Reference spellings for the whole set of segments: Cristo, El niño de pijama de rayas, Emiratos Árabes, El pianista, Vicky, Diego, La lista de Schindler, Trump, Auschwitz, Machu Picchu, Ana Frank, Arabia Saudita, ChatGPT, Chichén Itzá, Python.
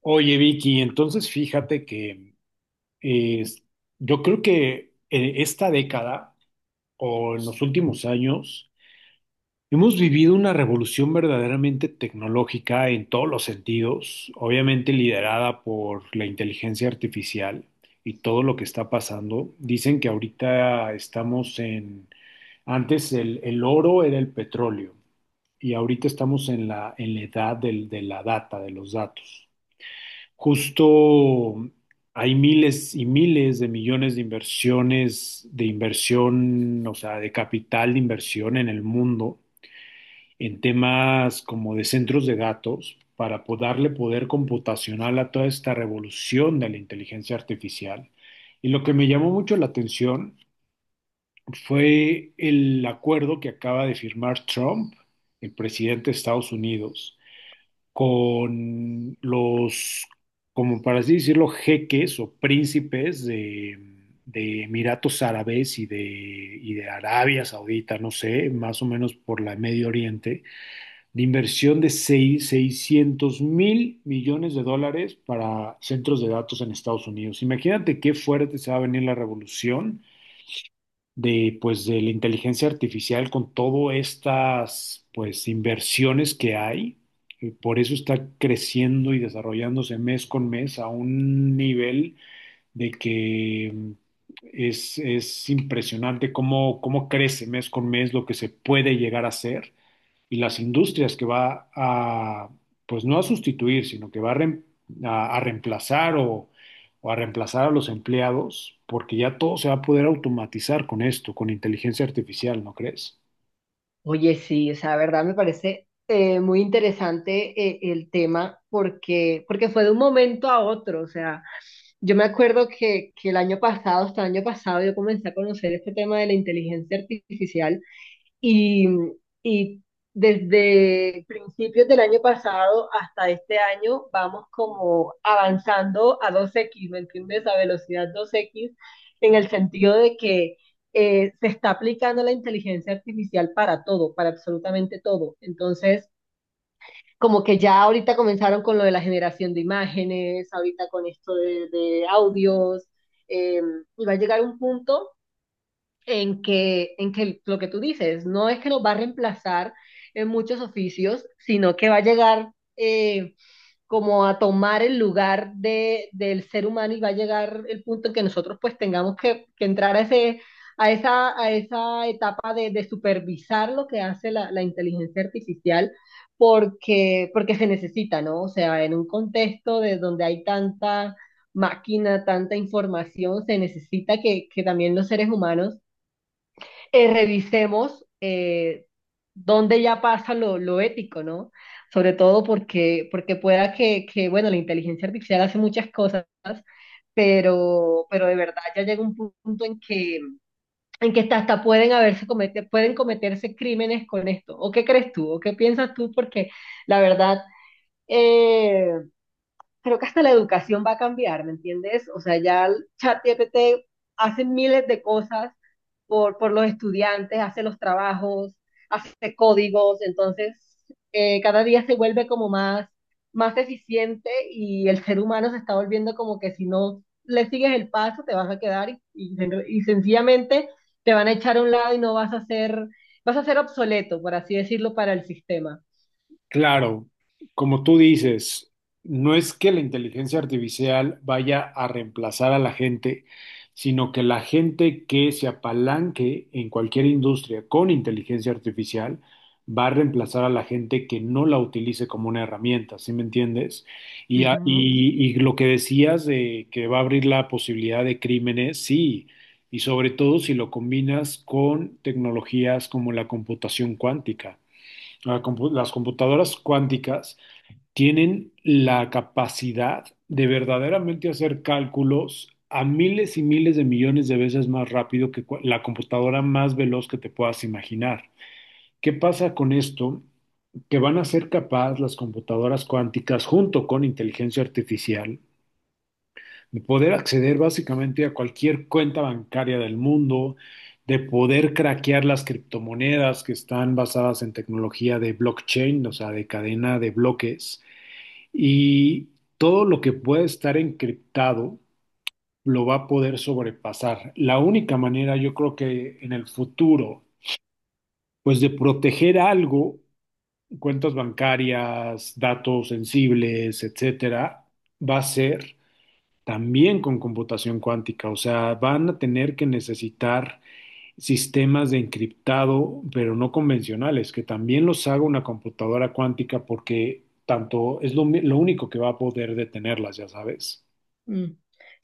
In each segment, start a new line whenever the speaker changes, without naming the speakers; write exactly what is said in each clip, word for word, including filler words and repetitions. Oye, Vicky, entonces fíjate que eh, yo creo que en esta década o en los últimos años hemos vivido una revolución verdaderamente tecnológica en todos los sentidos, obviamente liderada por la inteligencia artificial y todo lo que está pasando. Dicen que ahorita estamos en, antes el, el oro era el petróleo y ahorita estamos en la, en la edad del- de la data, de los datos. Justo hay miles y miles de millones de inversiones, de inversión, o sea, de capital de inversión en el mundo, en temas como de centros de datos, para po- darle poder computacional a toda esta revolución de la inteligencia artificial. Y lo que me llamó mucho la atención fue el acuerdo que acaba de firmar Trump, el presidente de Estados Unidos con los, como para así decirlo, jeques o príncipes de, de Emiratos Árabes y de, y de Arabia Saudita, no sé, más o menos por la Medio Oriente, de inversión de seis- seiscientos mil millones de dólares para centros de datos en Estados Unidos. Imagínate qué fuerte se va a venir la revolución de pues de la inteligencia artificial con todas estas pues inversiones que hay. Eh, Por eso está creciendo y desarrollándose mes con mes a un nivel de que es, es impresionante cómo, cómo crece mes con mes lo que se puede llegar a hacer y las industrias que va a, pues no a sustituir, sino que va a, re, a, a reemplazar o, o a reemplazar a los empleados, porque ya todo se va a poder automatizar con esto, con inteligencia artificial, ¿no crees?
Oye, sí, o sea, la verdad me parece eh, muy interesante eh, el tema porque, porque fue de un momento a otro. O sea, yo me acuerdo que, que el año pasado, hasta el año pasado, yo comencé a conocer este tema de la inteligencia artificial y, y desde principios del año pasado hasta este año vamos como avanzando a dos x, ¿me entiendes? A velocidad dos x, en el sentido de que eh, se está aplicando la inteligencia artificial para todo, para absolutamente todo. Entonces, como que ya ahorita comenzaron con lo de la generación de imágenes, ahorita con esto de, de audios. eh, y va a llegar un punto en que, en que lo que tú dices, no es que nos va a reemplazar en muchos oficios, sino que va a llegar eh, como a tomar el lugar de, del ser humano, y va a llegar el punto en que nosotros pues tengamos que, que entrar a, ese, a, esa, a esa etapa de, de supervisar lo que hace la, la inteligencia artificial porque, porque se necesita, ¿no? O sea, en un contexto de donde hay tanta máquina, tanta información, se necesita que, que también los seres humanos eh, revisemos eh, dónde ya pasa lo, lo ético, ¿no? Sobre todo porque, porque pueda que, que, bueno, la inteligencia artificial hace muchas cosas, pero, pero de verdad ya llega un punto en que, en que hasta, hasta pueden haberse comete, pueden cometerse crímenes con esto. ¿O qué crees tú? ¿O qué piensas tú? Porque la verdad, eh, creo que hasta la educación va a cambiar, ¿me entiendes? O sea, ya el ChatGPT hace miles de cosas por, por los estudiantes, hace los trabajos, hace códigos. Entonces eh, cada día se vuelve como más, más eficiente, y el ser humano se está volviendo como que si no le sigues el paso te vas a quedar y, y, sen- y sencillamente te van a echar a un lado y no vas a ser, vas a ser obsoleto, por así decirlo, para el sistema.
Claro, como tú dices, no es que la inteligencia artificial vaya a reemplazar a la gente, sino que la gente que se apalanque en cualquier industria con inteligencia artificial va a reemplazar a la gente que no la utilice como una herramienta, ¿sí me entiendes? Y, a-
Ujú.
y, y lo que decías de que va a abrir la posibilidad de crímenes, sí, y sobre todo si lo combinas con tecnologías como la computación cuántica, la compu- las computadoras cuánticas tienen la capacidad de verdaderamente hacer cálculos a miles y miles de millones de veces más rápido que cu- la computadora más veloz que te puedas imaginar. ¿Qué pasa con esto? Que van a ser capaces las computadoras cuánticas junto con inteligencia artificial de poder acceder básicamente a cualquier cuenta bancaria del mundo, de poder craquear las criptomonedas que están basadas en tecnología de blockchain, o sea, de cadena de bloques, y todo lo que puede estar encriptado lo va a poder sobrepasar. La única manera, yo creo que en el futuro, pues de proteger algo, cuentas bancarias, datos sensibles, etcétera, va a ser también con computación cuántica, o sea, van a tener que necesitar sistemas de encriptado, pero no convencionales, que también los haga una computadora cuántica porque tanto es lo, mi- lo único que va a poder detenerlas, ya sabes.
Mm.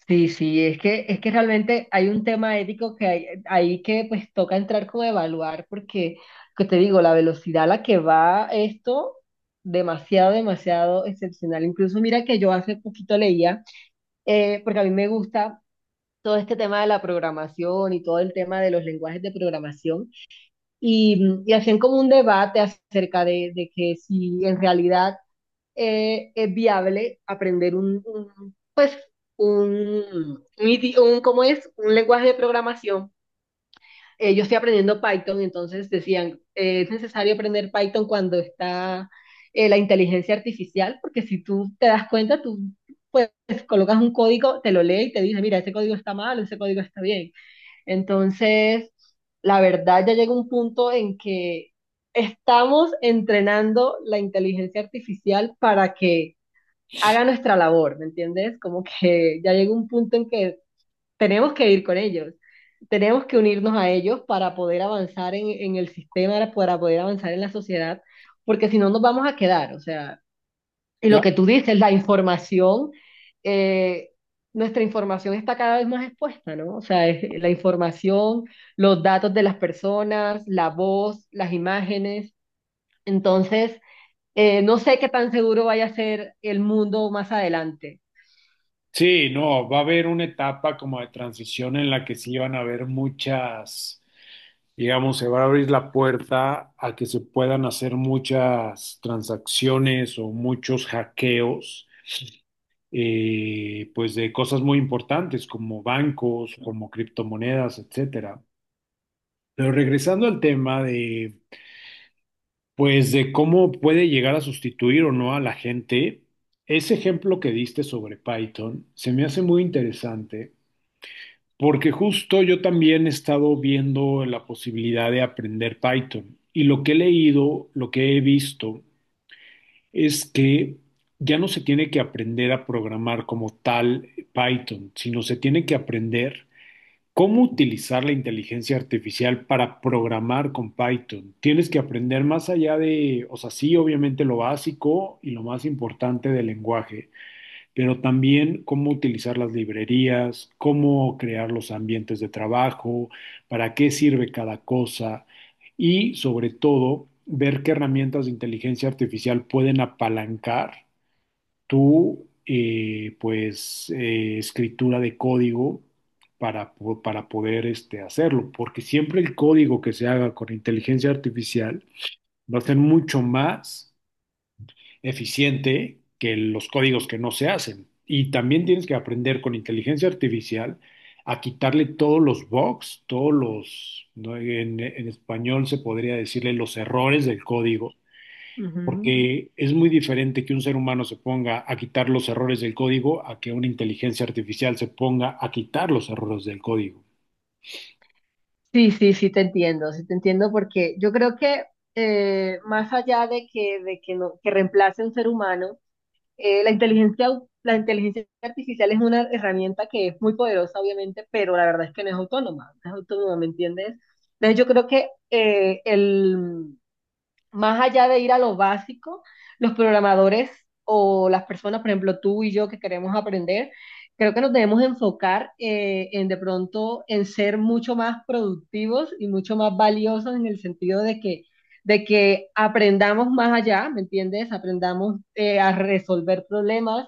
Sí, sí, es que, es que realmente hay un tema ético que hay, ahí que pues toca entrar como a evaluar, porque, que te digo, la velocidad a la que va esto, demasiado, demasiado excepcional. Incluso mira que yo hace poquito leía, eh, porque a mí me gusta todo este tema de la programación y todo el tema de los lenguajes de programación, y, y hacían como un debate acerca de, de que si en realidad eh, es viable aprender un, un, pues, un, un, idi- un- ¿cómo es? Un lenguaje de programación. Eh, yo estoy aprendiendo Python. Entonces decían, eh, es necesario aprender Python cuando está eh, la inteligencia artificial, porque si tú te das cuenta, tú pues colocas un código, te lo lee y te dice, mira, ese código está mal, ese código está bien. Entonces, la verdad ya llega un punto en que estamos entrenando la inteligencia artificial para que haga nuestra labor, ¿me entiendes? Como que ya llega un punto en que tenemos que ir con ellos, tenemos que unirnos a ellos para poder avanzar en, en el sistema, para poder avanzar en la sociedad, porque si no nos vamos a quedar, o sea, y lo
Claro.
que tú dices, la información, eh, nuestra información está cada vez más expuesta, ¿no? O sea, es- la información, los datos de las personas, la voz, las imágenes, entonces eh, no sé qué tan seguro vaya a ser el mundo más adelante.
Sí, no, va a haber una etapa como de transición en la que sí van a haber muchas, digamos, se va a abrir la puerta a que se puedan hacer muchas transacciones o muchos hackeos eh, pues de cosas muy importantes como bancos, como criptomonedas, etcétera. Pero regresando al tema de, pues de cómo puede llegar a sustituir o no a la gente, ese ejemplo que diste sobre Python se me hace muy interesante porque justo yo también he estado viendo la posibilidad de aprender Python y lo que he leído, lo que he visto es que ya no se tiene que aprender a programar como tal Python, sino se tiene que aprender cómo utilizar la inteligencia artificial para programar con Python. Tienes que aprender más allá de, o sea, sí, obviamente lo básico y lo más importante del lenguaje, pero también cómo utilizar las librerías, cómo crear los ambientes de trabajo, para qué sirve cada cosa y sobre todo ver qué herramientas de inteligencia artificial pueden apalancar tu eh, pues eh, escritura de código para, po- para poder este, hacerlo, porque siempre el código que se haga con inteligencia artificial va a ser mucho más eficiente que los códigos que no se hacen. Y también tienes que aprender con inteligencia artificial a quitarle todos los bugs, todos los, ¿no?, en, en español se podría decirle los errores del código,
Ujú.
porque es muy diferente que un ser humano se ponga a quitar los errores del código a que una inteligencia artificial se ponga a quitar los errores del código.
Sí, sí, sí te entiendo, sí te entiendo, porque yo creo que eh, más allá de que, de que, no, que reemplace a un ser humano, eh, la inteligencia, au- la inteligencia artificial es una herramienta que es muy poderosa, obviamente, pero la verdad es que no es autónoma, no es autónoma, ¿me entiendes? Entonces yo creo que eh, el, más allá de ir a lo básico, los programadores o las personas, por ejemplo, tú y yo que queremos aprender, creo que nos debemos enfocar eh, en de pronto en ser mucho más productivos y mucho más valiosos, en el sentido de que, de que aprendamos más allá, ¿me entiendes? Aprendamos eh, a resolver problemas,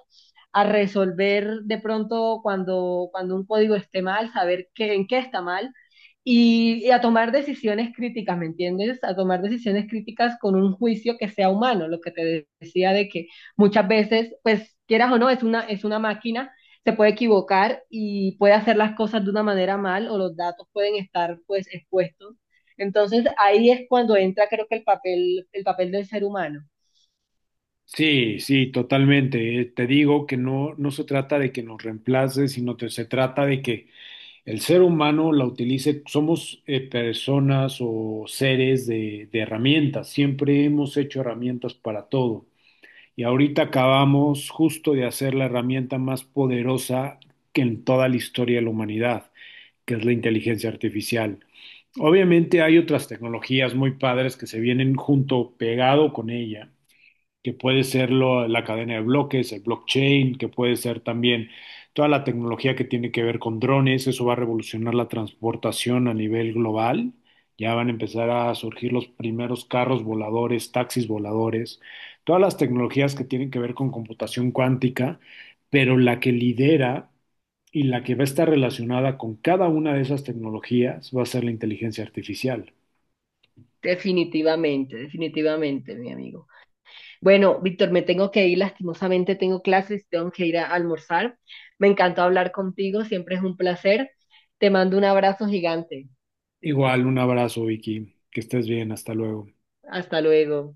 a resolver de pronto cuando, cuando un código esté mal, saber qué, en qué está mal, y, y a tomar decisiones críticas, ¿me entiendes? A tomar decisiones críticas con un juicio que sea humano, lo que te de- decía de que muchas veces, pues quieras o no, es una, es una máquina, se puede equivocar y puede hacer las cosas de una manera mal o los datos pueden estar pues expuestos. Entonces ahí es cuando entra creo que el papel, el papel del ser humano.
Sí, sí, totalmente. Eh, Te digo que no, no se trata de que nos reemplace, sino que se trata de que el ser humano la utilice, somos eh, personas o seres de, de herramientas, siempre hemos hecho herramientas para todo. Y ahorita acabamos justo de hacer la herramienta más poderosa que en toda la historia de la humanidad, que es la inteligencia artificial. Obviamente hay otras tecnologías muy padres que se vienen junto, pegado con ella, que puede ser lo- la cadena de bloques, el blockchain, que puede ser también toda la tecnología que tiene que ver con drones, eso va a revolucionar la transportación a nivel global. Ya van a empezar a surgir los primeros carros voladores, taxis voladores, todas las tecnologías que tienen que ver con computación cuántica, pero la que lidera y la que va a estar relacionada con cada una de esas tecnologías va a ser la inteligencia artificial.
Definitivamente, definitivamente, mi amigo. Bueno, Víctor, me tengo que ir, lastimosamente tengo clases, tengo que ir a almorzar. Me encantó hablar contigo, siempre es un placer. Te mando un abrazo gigante.
Igual, un abrazo, Vicky, que estés bien, hasta luego.
Hasta luego.